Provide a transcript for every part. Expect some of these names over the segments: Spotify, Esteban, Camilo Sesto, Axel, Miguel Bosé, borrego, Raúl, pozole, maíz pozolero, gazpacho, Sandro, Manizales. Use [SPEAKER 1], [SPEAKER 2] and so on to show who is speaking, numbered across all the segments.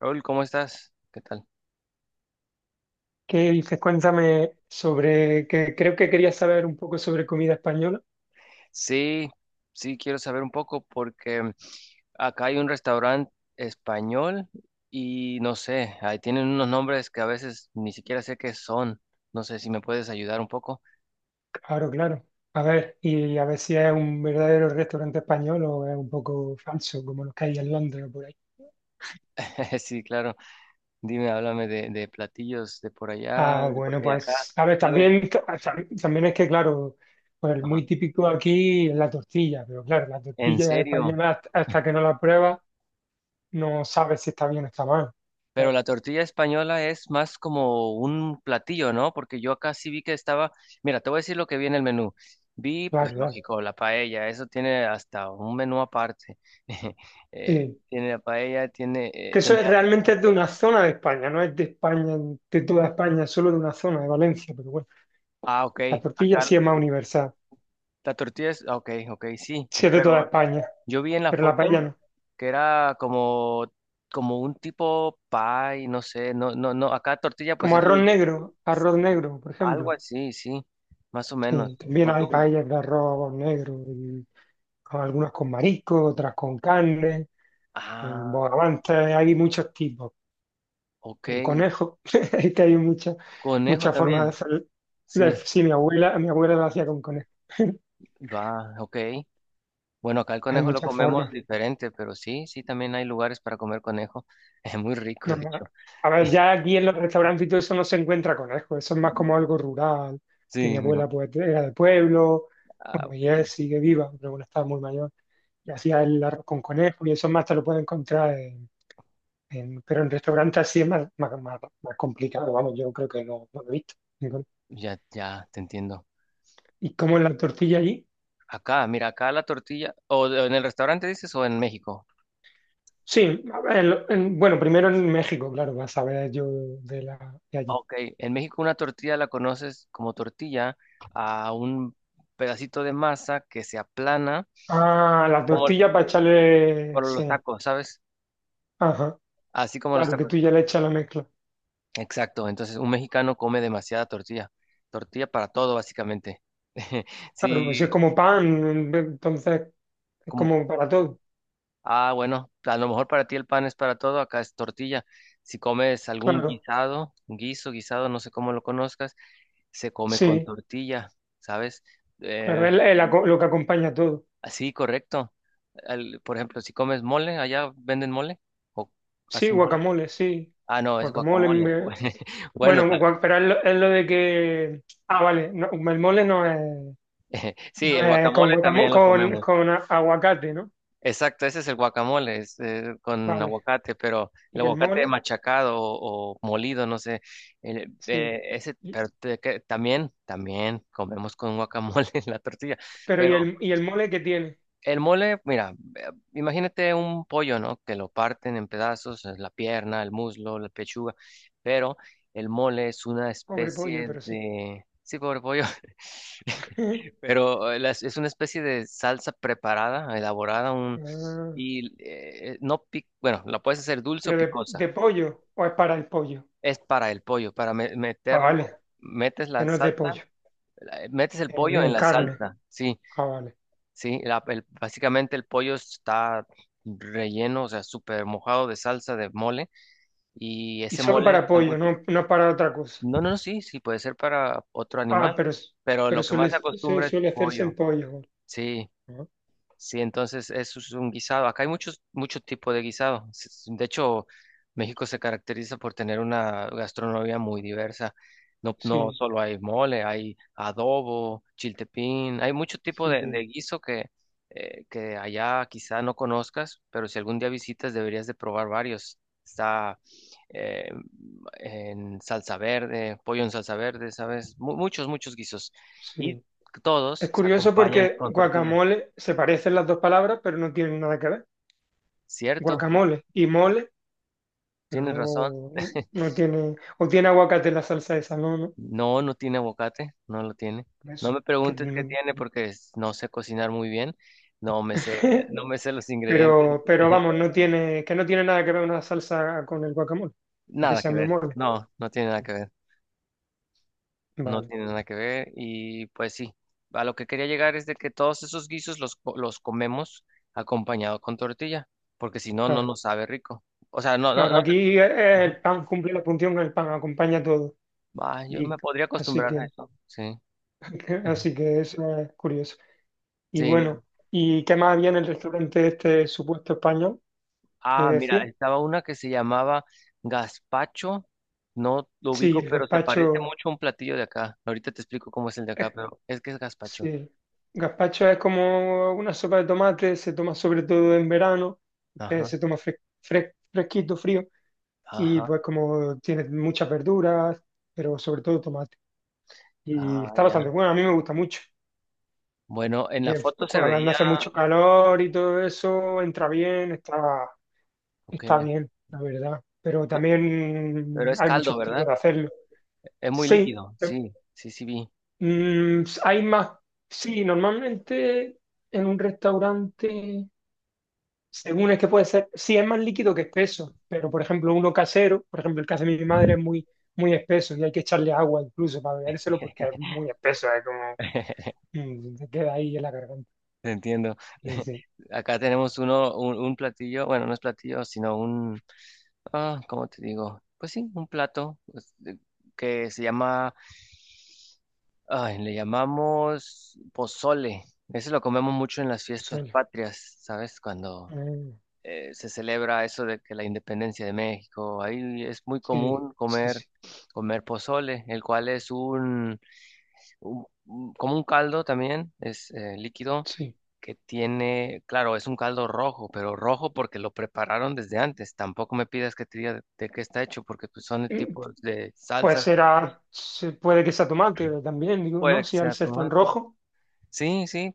[SPEAKER 1] Raúl, ¿cómo estás? ¿Qué tal?
[SPEAKER 2] ¿Qué dices? Cuéntame sobre que creo que querías saber un poco sobre comida española.
[SPEAKER 1] Sí, sí, quiero saber un poco porque acá hay un restaurante español y no sé, ahí tienen unos nombres que a veces ni siquiera sé qué son. No sé si me puedes ayudar un poco.
[SPEAKER 2] Claro, claro. A ver, y a ver si es un verdadero restaurante español o es un poco falso, como los que hay en Londres o por ahí.
[SPEAKER 1] Sí, claro. Dime, háblame de platillos de por allá,
[SPEAKER 2] Ah,
[SPEAKER 1] de por
[SPEAKER 2] bueno,
[SPEAKER 1] acá y acá.
[SPEAKER 2] pues, a ver,
[SPEAKER 1] ¿Sabes?
[SPEAKER 2] también, también es que, claro, pues
[SPEAKER 1] Ajá.
[SPEAKER 2] muy típico aquí es la tortilla, pero claro, la
[SPEAKER 1] ¿En
[SPEAKER 2] tortilla
[SPEAKER 1] serio?
[SPEAKER 2] española hasta que no la pruebas no sabes si está bien o está mal.
[SPEAKER 1] Pero
[SPEAKER 2] Claro,
[SPEAKER 1] la tortilla española es más como un platillo, ¿no? Porque yo acá sí vi que estaba, mira, te voy a decir lo que vi en el menú. Vi, pues
[SPEAKER 2] claro, claro.
[SPEAKER 1] lógico, la paella, eso tiene hasta un menú aparte.
[SPEAKER 2] Sí.
[SPEAKER 1] Tiene la paella, tiene,
[SPEAKER 2] Que eso es,
[SPEAKER 1] tenía,
[SPEAKER 2] realmente es de una zona de España, no es de España, de toda España, es solo de una zona, de Valencia, pero bueno,
[SPEAKER 1] ah, ok,
[SPEAKER 2] la tortilla
[SPEAKER 1] acá
[SPEAKER 2] sí es más universal,
[SPEAKER 1] la tortilla es, ah, ok, ok, sí,
[SPEAKER 2] sí es de toda
[SPEAKER 1] pero
[SPEAKER 2] España,
[SPEAKER 1] yo vi en la
[SPEAKER 2] pero la paella
[SPEAKER 1] foto
[SPEAKER 2] no.
[SPEAKER 1] que era como, como un tipo pie, no sé, no, acá tortilla pues
[SPEAKER 2] Como
[SPEAKER 1] es un,
[SPEAKER 2] arroz negro, por
[SPEAKER 1] algo
[SPEAKER 2] ejemplo.
[SPEAKER 1] así, sí, más o menos.
[SPEAKER 2] Sí, también
[SPEAKER 1] O
[SPEAKER 2] hay
[SPEAKER 1] tú,
[SPEAKER 2] paellas de arroz negro, y algunas con marisco, otras con carne,
[SPEAKER 1] ah,
[SPEAKER 2] bogavantes, hay muchos tipos,
[SPEAKER 1] ok,
[SPEAKER 2] con conejo, es que hay muchas
[SPEAKER 1] conejo
[SPEAKER 2] muchas formas de
[SPEAKER 1] también,
[SPEAKER 2] hacer.
[SPEAKER 1] sí,
[SPEAKER 2] Sí, mi abuela lo hacía con conejo.
[SPEAKER 1] va, ok. Bueno, acá el
[SPEAKER 2] Hay
[SPEAKER 1] conejo lo
[SPEAKER 2] muchas
[SPEAKER 1] comemos
[SPEAKER 2] formas.
[SPEAKER 1] diferente, pero sí, sí, también hay lugares para comer conejo. Es muy rico,
[SPEAKER 2] No,
[SPEAKER 1] de
[SPEAKER 2] no.
[SPEAKER 1] hecho.
[SPEAKER 2] A ver, ya aquí en los restaurantes y todo eso no se encuentra conejo, eso es más como algo rural, que mi
[SPEAKER 1] Sí, mira.
[SPEAKER 2] abuela pues era de pueblo,
[SPEAKER 1] Ah,
[SPEAKER 2] bueno,
[SPEAKER 1] ok.
[SPEAKER 2] y es, sigue viva, pero bueno, estaba muy mayor, y hacía el arroz con conejo, y eso más te lo puedes encontrar pero en restaurantes así es más, más, más complicado, vamos, yo creo que no, no lo he visto.
[SPEAKER 1] Ya, ya, te entiendo.
[SPEAKER 2] ¿Y cómo es la tortilla allí?
[SPEAKER 1] Acá, mira, acá la tortilla, o en el restaurante dices, o en México.
[SPEAKER 2] Sí, a ver, bueno, primero en México, claro, vas a ver yo de, la, de allí.
[SPEAKER 1] Ok, en México una tortilla la conoces como tortilla a un pedacito de masa que se aplana
[SPEAKER 2] Ah, la
[SPEAKER 1] como
[SPEAKER 2] tortilla para echarle,
[SPEAKER 1] por los
[SPEAKER 2] sí,
[SPEAKER 1] tacos, ¿sabes?
[SPEAKER 2] ajá.
[SPEAKER 1] Así como los
[SPEAKER 2] Claro que
[SPEAKER 1] tacos.
[SPEAKER 2] tú ya le echas la mezcla.
[SPEAKER 1] Exacto, entonces un mexicano come demasiada tortilla, tortilla para todo básicamente.
[SPEAKER 2] Claro, pues es
[SPEAKER 1] Sí,
[SPEAKER 2] como pan, entonces es
[SPEAKER 1] como,
[SPEAKER 2] como para todo.
[SPEAKER 1] ah, bueno, a lo mejor para ti el pan es para todo, acá es tortilla. Si comes algún
[SPEAKER 2] Claro,
[SPEAKER 1] guisado, guiso, guisado, no sé cómo lo conozcas, se come con
[SPEAKER 2] sí,
[SPEAKER 1] tortilla, ¿sabes? Eh,
[SPEAKER 2] claro, es, es lo que acompaña todo.
[SPEAKER 1] Sí, correcto. Por ejemplo, si comes mole, allá venden mole o
[SPEAKER 2] Sí,
[SPEAKER 1] hacen mole.
[SPEAKER 2] guacamole, sí.
[SPEAKER 1] Ah, no, es
[SPEAKER 2] Guacamole,
[SPEAKER 1] guacamole.
[SPEAKER 2] me-
[SPEAKER 1] Bueno,
[SPEAKER 2] bueno, pero es lo de que... Ah, vale, no, el mole no es,
[SPEAKER 1] sí,
[SPEAKER 2] no
[SPEAKER 1] el
[SPEAKER 2] es con
[SPEAKER 1] guacamole
[SPEAKER 2] guacamole,
[SPEAKER 1] también lo
[SPEAKER 2] con,
[SPEAKER 1] comemos.
[SPEAKER 2] con aguacate, ¿no?
[SPEAKER 1] Exacto, ese es el guacamole, es, con
[SPEAKER 2] Vale,
[SPEAKER 1] aguacate, pero el
[SPEAKER 2] y el
[SPEAKER 1] aguacate
[SPEAKER 2] mole,
[SPEAKER 1] machacado o molido, no sé. El-
[SPEAKER 2] sí.
[SPEAKER 1] ese,
[SPEAKER 2] Y-
[SPEAKER 1] pero te- que- También, también comemos con guacamole en la tortilla,
[SPEAKER 2] pero
[SPEAKER 1] pero
[SPEAKER 2] y el mole qué tiene?
[SPEAKER 1] el mole, mira, imagínate un pollo, ¿no? Que lo parten en pedazos, la pierna, el muslo, la pechuga, pero el mole es una
[SPEAKER 2] Pobre pollo,
[SPEAKER 1] especie
[SPEAKER 2] pero sí.
[SPEAKER 1] de... Sí, pobre pollo, pero es una especie de salsa preparada, elaborada, un...
[SPEAKER 2] Ah,
[SPEAKER 1] y no bueno, la puedes hacer dulce o
[SPEAKER 2] pero
[SPEAKER 1] picosa.
[SPEAKER 2] de pollo o es para el pollo.
[SPEAKER 1] Es para el pollo, para
[SPEAKER 2] Ah, vale.
[SPEAKER 1] meterlo, metes
[SPEAKER 2] Que
[SPEAKER 1] la
[SPEAKER 2] no es de
[SPEAKER 1] salsa,
[SPEAKER 2] pollo,
[SPEAKER 1] metes el pollo en
[SPEAKER 2] en
[SPEAKER 1] la
[SPEAKER 2] carne.
[SPEAKER 1] salsa, sí.
[SPEAKER 2] Ah, vale.
[SPEAKER 1] Sí, básicamente el pollo está relleno, o sea, súper mojado de salsa de mole y
[SPEAKER 2] ¿Y
[SPEAKER 1] ese
[SPEAKER 2] solo
[SPEAKER 1] mole
[SPEAKER 2] para
[SPEAKER 1] está muy
[SPEAKER 2] pollo,
[SPEAKER 1] rico.
[SPEAKER 2] no, no para otra cosa?
[SPEAKER 1] No, sí, sí, puede ser para otro
[SPEAKER 2] Ah,
[SPEAKER 1] animal,
[SPEAKER 2] pero, s-
[SPEAKER 1] pero
[SPEAKER 2] pero
[SPEAKER 1] lo que más
[SPEAKER 2] suele,
[SPEAKER 1] se acostumbra es
[SPEAKER 2] suele hacerse
[SPEAKER 1] pollo.
[SPEAKER 2] en pollo. Vale.
[SPEAKER 1] Sí.
[SPEAKER 2] Ah,
[SPEAKER 1] Sí, entonces eso es un guisado. Acá hay muchos, muchos tipos de guisado. De hecho, México se caracteriza por tener una gastronomía muy diversa. No, no
[SPEAKER 2] sí,
[SPEAKER 1] solo hay mole, hay adobo, chiltepín, hay mucho tipo de
[SPEAKER 2] sí,
[SPEAKER 1] guiso que allá quizá no conozcas, pero si algún día visitas deberías de probar varios. Está eh, en salsa verde, pollo en salsa verde, ¿sabes? Muchos, muchos guisos. Y
[SPEAKER 2] sí. Es
[SPEAKER 1] todos se
[SPEAKER 2] curioso
[SPEAKER 1] acompañan
[SPEAKER 2] porque
[SPEAKER 1] con tortilla,
[SPEAKER 2] guacamole se parecen las dos palabras, pero no tienen nada que ver.
[SPEAKER 1] ¿cierto?
[SPEAKER 2] Guacamole y mole, pero
[SPEAKER 1] Tienes razón.
[SPEAKER 2] no, no tiene. ¿O tiene aguacate la salsa esa? No, no.
[SPEAKER 1] No, no tiene aguacate, no lo tiene.
[SPEAKER 2] Por
[SPEAKER 1] No
[SPEAKER 2] eso.
[SPEAKER 1] me
[SPEAKER 2] Que
[SPEAKER 1] preguntes qué
[SPEAKER 2] no...
[SPEAKER 1] tiene porque no sé cocinar muy bien. No me sé los ingredientes.
[SPEAKER 2] Pero vamos, no tiene, que no tiene nada que ver una salsa con el guacamole, aunque
[SPEAKER 1] Nada
[SPEAKER 2] se
[SPEAKER 1] que
[SPEAKER 2] llame
[SPEAKER 1] ver.
[SPEAKER 2] mole.
[SPEAKER 1] No, no tiene nada que ver. No
[SPEAKER 2] Vale.
[SPEAKER 1] tiene nada que ver. Y pues sí, a lo que quería llegar es de que todos esos guisos los, los comemos acompañado con tortilla, porque si no, no
[SPEAKER 2] Claro,
[SPEAKER 1] nos sabe rico. O sea, no, no,
[SPEAKER 2] claro.
[SPEAKER 1] no. que-
[SPEAKER 2] Aquí
[SPEAKER 1] Ajá.
[SPEAKER 2] el pan cumple la función, que el pan acompaña todo.
[SPEAKER 1] Ah, yo
[SPEAKER 2] Y
[SPEAKER 1] me podría
[SPEAKER 2] así
[SPEAKER 1] acostumbrar
[SPEAKER 2] que,
[SPEAKER 1] a eso. Sí.
[SPEAKER 2] así que eso es curioso. Y
[SPEAKER 1] Sí,
[SPEAKER 2] bueno, ¿y qué más había en el restaurante este supuesto español que
[SPEAKER 1] ah, mira,
[SPEAKER 2] decía?
[SPEAKER 1] estaba una que se llamaba gazpacho. No lo
[SPEAKER 2] Sí,
[SPEAKER 1] ubico,
[SPEAKER 2] el
[SPEAKER 1] pero se parece
[SPEAKER 2] gazpacho.
[SPEAKER 1] mucho a un platillo de acá. Ahorita te explico cómo es el de acá,
[SPEAKER 2] eh,
[SPEAKER 1] pero es que es gazpacho.
[SPEAKER 2] sí, gazpacho es como una sopa de tomate, se toma sobre todo en verano,
[SPEAKER 1] Ajá,
[SPEAKER 2] se toma fresquito, frío. Y
[SPEAKER 1] ajá,
[SPEAKER 2] pues como tiene muchas verduras, pero sobre todo tomate. Y
[SPEAKER 1] ah,
[SPEAKER 2] está
[SPEAKER 1] ya.
[SPEAKER 2] bastante bueno, a mí me gusta mucho.
[SPEAKER 1] Bueno, en la
[SPEAKER 2] Que
[SPEAKER 1] foto se
[SPEAKER 2] cuando
[SPEAKER 1] veía,
[SPEAKER 2] hace mucho calor y todo eso, entra bien, está,
[SPEAKER 1] ok,
[SPEAKER 2] está bien, la verdad. Pero
[SPEAKER 1] ya, pero
[SPEAKER 2] también
[SPEAKER 1] es
[SPEAKER 2] hay
[SPEAKER 1] caldo,
[SPEAKER 2] muchos
[SPEAKER 1] ¿verdad?
[SPEAKER 2] tipos de hacerlo.
[SPEAKER 1] Es muy
[SPEAKER 2] Sí,
[SPEAKER 1] líquido, sí, sí, sí vi.
[SPEAKER 2] hay más. Sí, normalmente en un restaurante, según es que puede ser, sí es más líquido que espeso, pero por ejemplo uno casero, por ejemplo el que hace mi madre es muy, muy espeso y hay que echarle agua incluso para bebérselo porque es muy espeso, es como se queda ahí en la garganta.
[SPEAKER 1] Te entiendo.
[SPEAKER 2] Y dice,
[SPEAKER 1] Acá tenemos uno, un platillo, bueno, no es platillo, sino un ah, ¿cómo te digo? Pues sí, un plato pues, que se llama, ay, le llamamos pozole. Ese lo comemos mucho en las fiestas
[SPEAKER 2] solo.
[SPEAKER 1] patrias, ¿sabes? Cuando se celebra eso de que la independencia de México, ahí es muy
[SPEAKER 2] Sí,
[SPEAKER 1] común
[SPEAKER 2] sí,
[SPEAKER 1] comer,
[SPEAKER 2] sí,
[SPEAKER 1] comer pozole, el cual es un, como un caldo también, es líquido
[SPEAKER 2] sí.
[SPEAKER 1] que tiene, claro, es un caldo rojo, pero rojo porque lo prepararon desde antes. Tampoco me pidas que te diga de qué está hecho, porque pues, son el
[SPEAKER 2] Eh,
[SPEAKER 1] tipo de
[SPEAKER 2] Pues
[SPEAKER 1] salsa.
[SPEAKER 2] será, puede que sea tomate también, digo, ¿no?
[SPEAKER 1] Puede que
[SPEAKER 2] Si al
[SPEAKER 1] sea
[SPEAKER 2] ser tan
[SPEAKER 1] tomate.
[SPEAKER 2] rojo.
[SPEAKER 1] Sí, sí.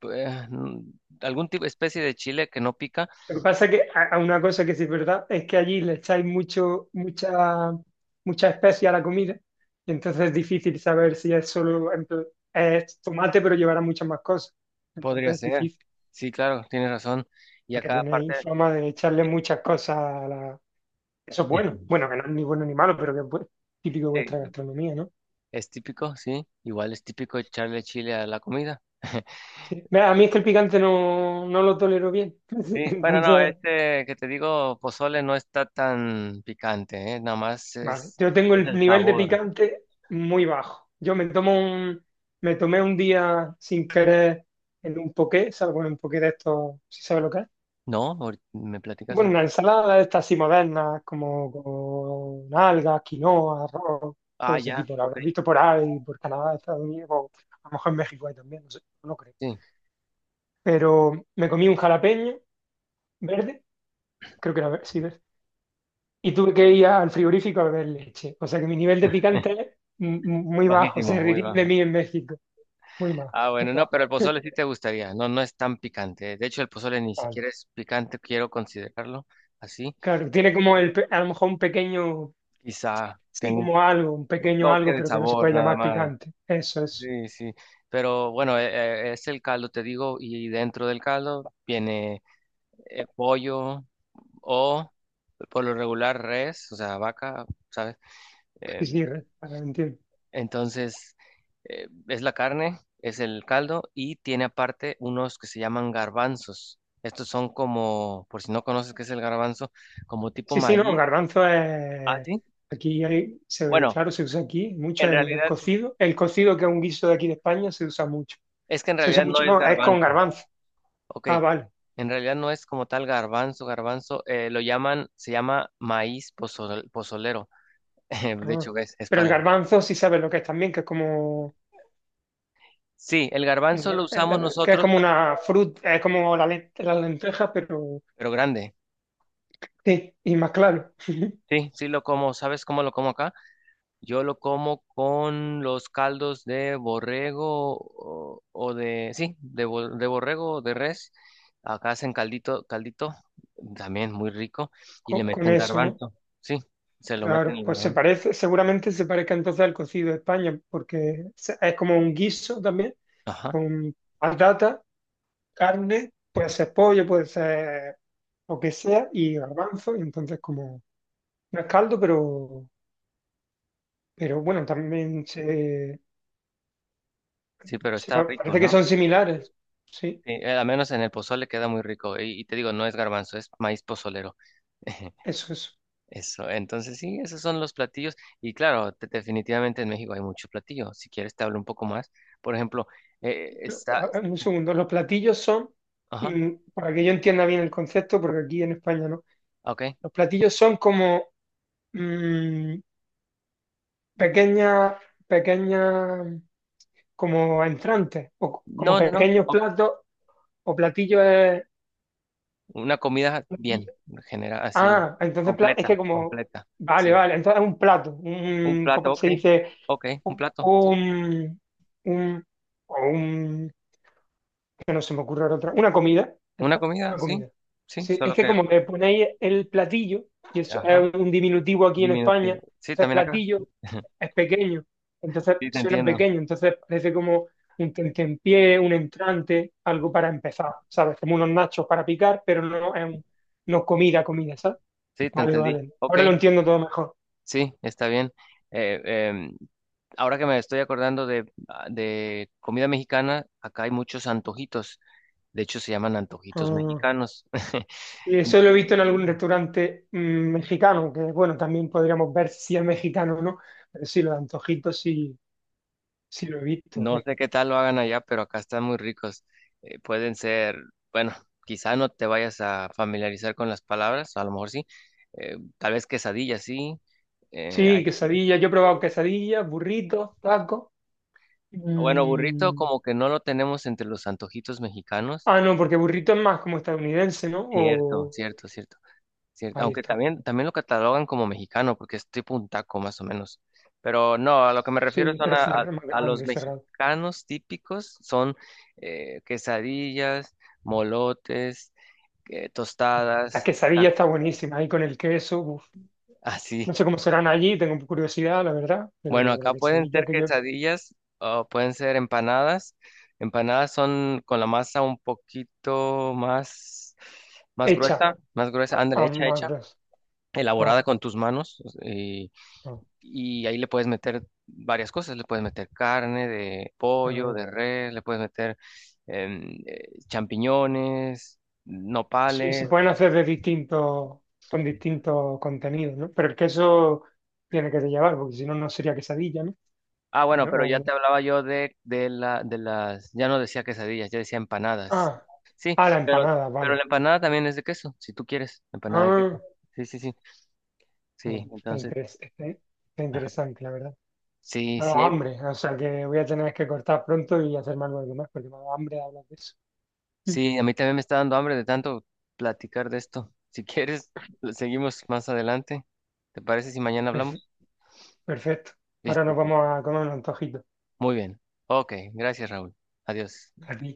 [SPEAKER 1] Pues, algún tipo, especie de chile que no pica,
[SPEAKER 2] Lo que pasa es que a una cosa que sí es verdad es que allí le echáis mucho, mucha, mucha especia a la comida, y entonces es difícil saber si es solo, es tomate, pero llevará muchas más cosas.
[SPEAKER 1] podría
[SPEAKER 2] Entonces es
[SPEAKER 1] ser.
[SPEAKER 2] difícil,
[SPEAKER 1] Sí, claro, tienes razón. Y a
[SPEAKER 2] porque
[SPEAKER 1] cada parte
[SPEAKER 2] tenéis fama de echarle muchas cosas a la... Eso es bueno. Bueno, que no es ni bueno ni malo, pero que es típico de vuestra
[SPEAKER 1] sí,
[SPEAKER 2] gastronomía, ¿no?
[SPEAKER 1] es típico, sí. Igual es típico echarle chile a la comida.
[SPEAKER 2] Sí. Mira, a mí es que el picante no, no lo tolero bien.
[SPEAKER 1] Sí, bueno, no,
[SPEAKER 2] Entonces,
[SPEAKER 1] este que te digo, pozole no está tan picante, ¿eh? Nada más
[SPEAKER 2] vale. Yo tengo
[SPEAKER 1] es
[SPEAKER 2] el
[SPEAKER 1] el
[SPEAKER 2] nivel de
[SPEAKER 1] sabor.
[SPEAKER 2] picante muy bajo. Yo me tomo un, me tomé un día sin querer en un poké, ¿sabes? Bueno, un poké de esto, si sabes lo que es.
[SPEAKER 1] ¿No? ¿Me platicas
[SPEAKER 2] Bueno, una
[SPEAKER 1] ahorita?
[SPEAKER 2] ensalada de estas así modernas, como con algas, quinoa, arroz, todo
[SPEAKER 1] Ah,
[SPEAKER 2] ese
[SPEAKER 1] ya,
[SPEAKER 2] tipo. Lo
[SPEAKER 1] ok.
[SPEAKER 2] habrás visto por ahí, por Canadá, Estados Unidos, o a lo mejor en México hay también, no sé, no creo.
[SPEAKER 1] Sí,
[SPEAKER 2] Pero me comí un jalapeño verde, creo que era verde, sí, y tuve que ir al frigorífico a beber leche. O sea que mi nivel de picante es m- muy bajo,
[SPEAKER 1] bajísimo,
[SPEAKER 2] se
[SPEAKER 1] muy
[SPEAKER 2] reirían de
[SPEAKER 1] bajo.
[SPEAKER 2] mí en México. Muy bajo,
[SPEAKER 1] Ah,
[SPEAKER 2] muy
[SPEAKER 1] bueno, no,
[SPEAKER 2] bajo.
[SPEAKER 1] pero el pozole sí te gustaría, no, no es tan picante, ¿eh? De hecho, el pozole ni
[SPEAKER 2] Vale.
[SPEAKER 1] siquiera es picante, quiero considerarlo así.
[SPEAKER 2] Claro, tiene como el, a lo mejor un pequeño,
[SPEAKER 1] Quizá
[SPEAKER 2] sí,
[SPEAKER 1] tenga
[SPEAKER 2] como algo, un
[SPEAKER 1] un
[SPEAKER 2] pequeño
[SPEAKER 1] toque
[SPEAKER 2] algo,
[SPEAKER 1] de
[SPEAKER 2] pero que no se puede
[SPEAKER 1] sabor nada
[SPEAKER 2] llamar
[SPEAKER 1] más.
[SPEAKER 2] picante. Eso es.
[SPEAKER 1] Sí, sí, pero bueno, es el caldo, te digo, y dentro del caldo viene pollo. O por lo regular res, o sea, vaca, ¿sabes?
[SPEAKER 2] Sí,
[SPEAKER 1] Eh,
[SPEAKER 2] sí, ahora entiendo.
[SPEAKER 1] entonces, es la carne, es el caldo y tiene aparte unos que se llaman garbanzos. Estos son como, por si no conoces qué es el garbanzo, como tipo
[SPEAKER 2] Sí, sí, no,
[SPEAKER 1] maíz.
[SPEAKER 2] garbanzo
[SPEAKER 1] Ah,
[SPEAKER 2] es,
[SPEAKER 1] sí.
[SPEAKER 2] aquí hay, se,
[SPEAKER 1] Bueno,
[SPEAKER 2] claro, se usa aquí mucho
[SPEAKER 1] en
[SPEAKER 2] en el
[SPEAKER 1] realidad,
[SPEAKER 2] cocido. El cocido, que es un guiso de aquí de España, se usa mucho.
[SPEAKER 1] es que en
[SPEAKER 2] Se usa
[SPEAKER 1] realidad no
[SPEAKER 2] mucho,
[SPEAKER 1] es
[SPEAKER 2] no, es con
[SPEAKER 1] garbanzo.
[SPEAKER 2] garbanzo.
[SPEAKER 1] Ok,
[SPEAKER 2] Ah, vale.
[SPEAKER 1] en realidad no es como tal garbanzo, garbanzo, lo llaman, se llama maíz pozolero. De
[SPEAKER 2] Ah,
[SPEAKER 1] hecho, es
[SPEAKER 2] pero el
[SPEAKER 1] para...
[SPEAKER 2] garbanzo sí sabes lo que es también, que es como
[SPEAKER 1] Sí, el
[SPEAKER 2] un
[SPEAKER 1] garbanzo lo usamos
[SPEAKER 2] que es
[SPEAKER 1] nosotros
[SPEAKER 2] como una fruta, es como la, la lenteja, pero
[SPEAKER 1] pero grande.
[SPEAKER 2] sí, y más claro,
[SPEAKER 1] Sí, sí lo como. ¿Sabes cómo lo como acá? Yo lo como con los caldos de borrego o, sí, de, de borrego o de res. Acá hacen caldito, caldito, también muy rico, y le
[SPEAKER 2] con
[SPEAKER 1] meten
[SPEAKER 2] eso, ¿no?
[SPEAKER 1] garbanzo. Sí, se lo meten
[SPEAKER 2] Claro,
[SPEAKER 1] el
[SPEAKER 2] pues se
[SPEAKER 1] garbanzo.
[SPEAKER 2] parece, seguramente se parezca entonces al cocido de España, porque es como un guiso también,
[SPEAKER 1] Ajá.
[SPEAKER 2] con patata, carne, puede ser pollo, puede ser lo que sea, y garbanzo, y entonces como no es caldo, pero bueno, también se,
[SPEAKER 1] Sí, pero está rico,
[SPEAKER 2] Parece que
[SPEAKER 1] ¿no?
[SPEAKER 2] son similares. Sí,
[SPEAKER 1] Sí, al menos en el pozole queda muy rico. Y te digo, no es garbanzo, es maíz pozolero.
[SPEAKER 2] eso es.
[SPEAKER 1] Eso, entonces sí, esos son los platillos. Y claro, definitivamente en México hay muchos platillos. Si quieres te hablo un poco más. Por ejemplo, está...
[SPEAKER 2] Un segundo. Los platillos son,
[SPEAKER 1] Ajá,
[SPEAKER 2] mm, para que yo entienda bien el concepto, porque aquí en España no.
[SPEAKER 1] ok.
[SPEAKER 2] Los platillos son como mm, pequeñas, pequeñas, como entrantes, o como
[SPEAKER 1] No, no, no.
[SPEAKER 2] pequeños
[SPEAKER 1] o-
[SPEAKER 2] platos o platillos.
[SPEAKER 1] Una comida bien,
[SPEAKER 2] Platillo.
[SPEAKER 1] general, así,
[SPEAKER 2] Ah, entonces es que
[SPEAKER 1] completa,
[SPEAKER 2] como,
[SPEAKER 1] completa.
[SPEAKER 2] vale,
[SPEAKER 1] Sí.
[SPEAKER 2] vale, entonces es un plato,
[SPEAKER 1] Un
[SPEAKER 2] un,
[SPEAKER 1] plato,
[SPEAKER 2] ¿cómo
[SPEAKER 1] ok.
[SPEAKER 2] se dice?
[SPEAKER 1] Ok, un plato, sí.
[SPEAKER 2] Un, un- o un, que no se me ocurra ahora otra. Una comida, ya
[SPEAKER 1] Una
[SPEAKER 2] está,
[SPEAKER 1] comida,
[SPEAKER 2] una
[SPEAKER 1] sí.
[SPEAKER 2] comida.
[SPEAKER 1] Sí,
[SPEAKER 2] Sí, es
[SPEAKER 1] solo
[SPEAKER 2] que
[SPEAKER 1] que...
[SPEAKER 2] como me ponéis el platillo, y
[SPEAKER 1] Ajá,
[SPEAKER 2] es un diminutivo aquí en España,
[SPEAKER 1] diminutivo. Sí,
[SPEAKER 2] entonces
[SPEAKER 1] también acá.
[SPEAKER 2] platillo es pequeño, entonces
[SPEAKER 1] Sí, te
[SPEAKER 2] suena
[SPEAKER 1] entiendo.
[SPEAKER 2] pequeño, entonces parece como un tentempié, un entrante, algo para empezar, ¿sabes? Como unos nachos para picar, pero no es un- no comida, comida, ¿sabes?
[SPEAKER 1] Sí, te
[SPEAKER 2] Vale,
[SPEAKER 1] entendí.
[SPEAKER 2] vale.
[SPEAKER 1] Ok.
[SPEAKER 2] Ahora lo entiendo todo mejor.
[SPEAKER 1] Sí, está bien. Eh, em, ahora que me estoy acordando de, ah, de comida mexicana, acá hay muchos antojitos. De hecho, se llaman antojitos
[SPEAKER 2] Ah.
[SPEAKER 1] mexicanos.
[SPEAKER 2] Y eso lo he visto en algún restaurante mexicano, que bueno, también podríamos ver si es mexicano o no, pero sí, los antojitos sí, sí lo he visto.
[SPEAKER 1] No sé qué tal lo hagan allá, pero acá están muy ricos. Pueden ser, bueno, quizá no te vayas a familiarizar con las palabras, a lo mejor sí. Tal vez quesadilla, sí. Eh,
[SPEAKER 2] Sí,
[SPEAKER 1] hay-
[SPEAKER 2] quesadillas, yo he probado quesadillas, burritos, tacos.
[SPEAKER 1] bueno, burrito
[SPEAKER 2] mm,
[SPEAKER 1] como que no lo tenemos entre los antojitos mexicanos.
[SPEAKER 2] Ah, no, porque burrito es más como estadounidense, ¿no?
[SPEAKER 1] Cierto,
[SPEAKER 2] O...
[SPEAKER 1] cierto, cierto. Cierto,
[SPEAKER 2] Ahí
[SPEAKER 1] aunque
[SPEAKER 2] está.
[SPEAKER 1] también, también lo catalogan como mexicano, porque es tipo un taco más o menos. Pero no, a lo que me refiero
[SPEAKER 2] Sí,
[SPEAKER 1] son
[SPEAKER 2] pero cerrado, más
[SPEAKER 1] a los
[SPEAKER 2] grande, cerrado.
[SPEAKER 1] mexicanos típicos, son quesadillas, molotes,
[SPEAKER 2] La
[SPEAKER 1] tostadas,
[SPEAKER 2] quesadilla
[SPEAKER 1] tacos,
[SPEAKER 2] está buenísima, ahí con el queso. Uf.
[SPEAKER 1] así.
[SPEAKER 2] No sé cómo serán allí, tengo curiosidad, la verdad,
[SPEAKER 1] Bueno,
[SPEAKER 2] pero la
[SPEAKER 1] acá pueden
[SPEAKER 2] quesadilla
[SPEAKER 1] ser
[SPEAKER 2] que yo
[SPEAKER 1] quesadillas o pueden ser empanadas. Empanadas son con la masa un poquito más,
[SPEAKER 2] hecha
[SPEAKER 1] más gruesa, ándale,
[SPEAKER 2] a
[SPEAKER 1] hecha,
[SPEAKER 2] más
[SPEAKER 1] hecha,
[SPEAKER 2] gruesa. Ah,
[SPEAKER 1] elaborada con tus manos
[SPEAKER 2] ah,
[SPEAKER 1] y ahí le puedes meter varias cosas, le puedes meter carne de pollo,
[SPEAKER 2] ah.
[SPEAKER 1] de res, le puedes meter champiñones,
[SPEAKER 2] Sí, se
[SPEAKER 1] nopales.
[SPEAKER 2] pueden hacer de distintos, con distintos contenidos, ¿no? Pero el queso tiene que llevar, porque si no, no sería quesadilla, ¿no?
[SPEAKER 1] Ah,
[SPEAKER 2] O
[SPEAKER 1] bueno,
[SPEAKER 2] me-
[SPEAKER 1] pero
[SPEAKER 2] o
[SPEAKER 1] ya
[SPEAKER 2] una-
[SPEAKER 1] te hablaba yo de las, ya no decía quesadillas, ya decía empanadas.
[SPEAKER 2] ah,
[SPEAKER 1] Sí,
[SPEAKER 2] ah, la
[SPEAKER 1] pero,
[SPEAKER 2] empanada,
[SPEAKER 1] pero
[SPEAKER 2] vale.
[SPEAKER 1] la empanada también es de queso, si tú quieres, empanada de
[SPEAKER 2] Ah,
[SPEAKER 1] queso. Sí, sí, sí, sí,
[SPEAKER 2] bueno, está,
[SPEAKER 1] entonces,
[SPEAKER 2] está interesante, la verdad.
[SPEAKER 1] sí,
[SPEAKER 2] Me ha dado
[SPEAKER 1] sí, hay-
[SPEAKER 2] hambre, o sea que voy a tener que cortar pronto y hacerme algo más, porque me ha dado hambre de hablar de eso. Mm,
[SPEAKER 1] sí, a mí también me está dando hambre de tanto platicar de esto. Si quieres, seguimos más adelante. ¿Te parece si mañana
[SPEAKER 2] perfe-
[SPEAKER 1] hablamos?
[SPEAKER 2] Perfecto. Ahora
[SPEAKER 1] Listo,
[SPEAKER 2] nos
[SPEAKER 1] pues.
[SPEAKER 2] vamos a comer un antojito.
[SPEAKER 1] Muy bien. Ok, gracias, Raúl. Adiós.
[SPEAKER 2] Aquí.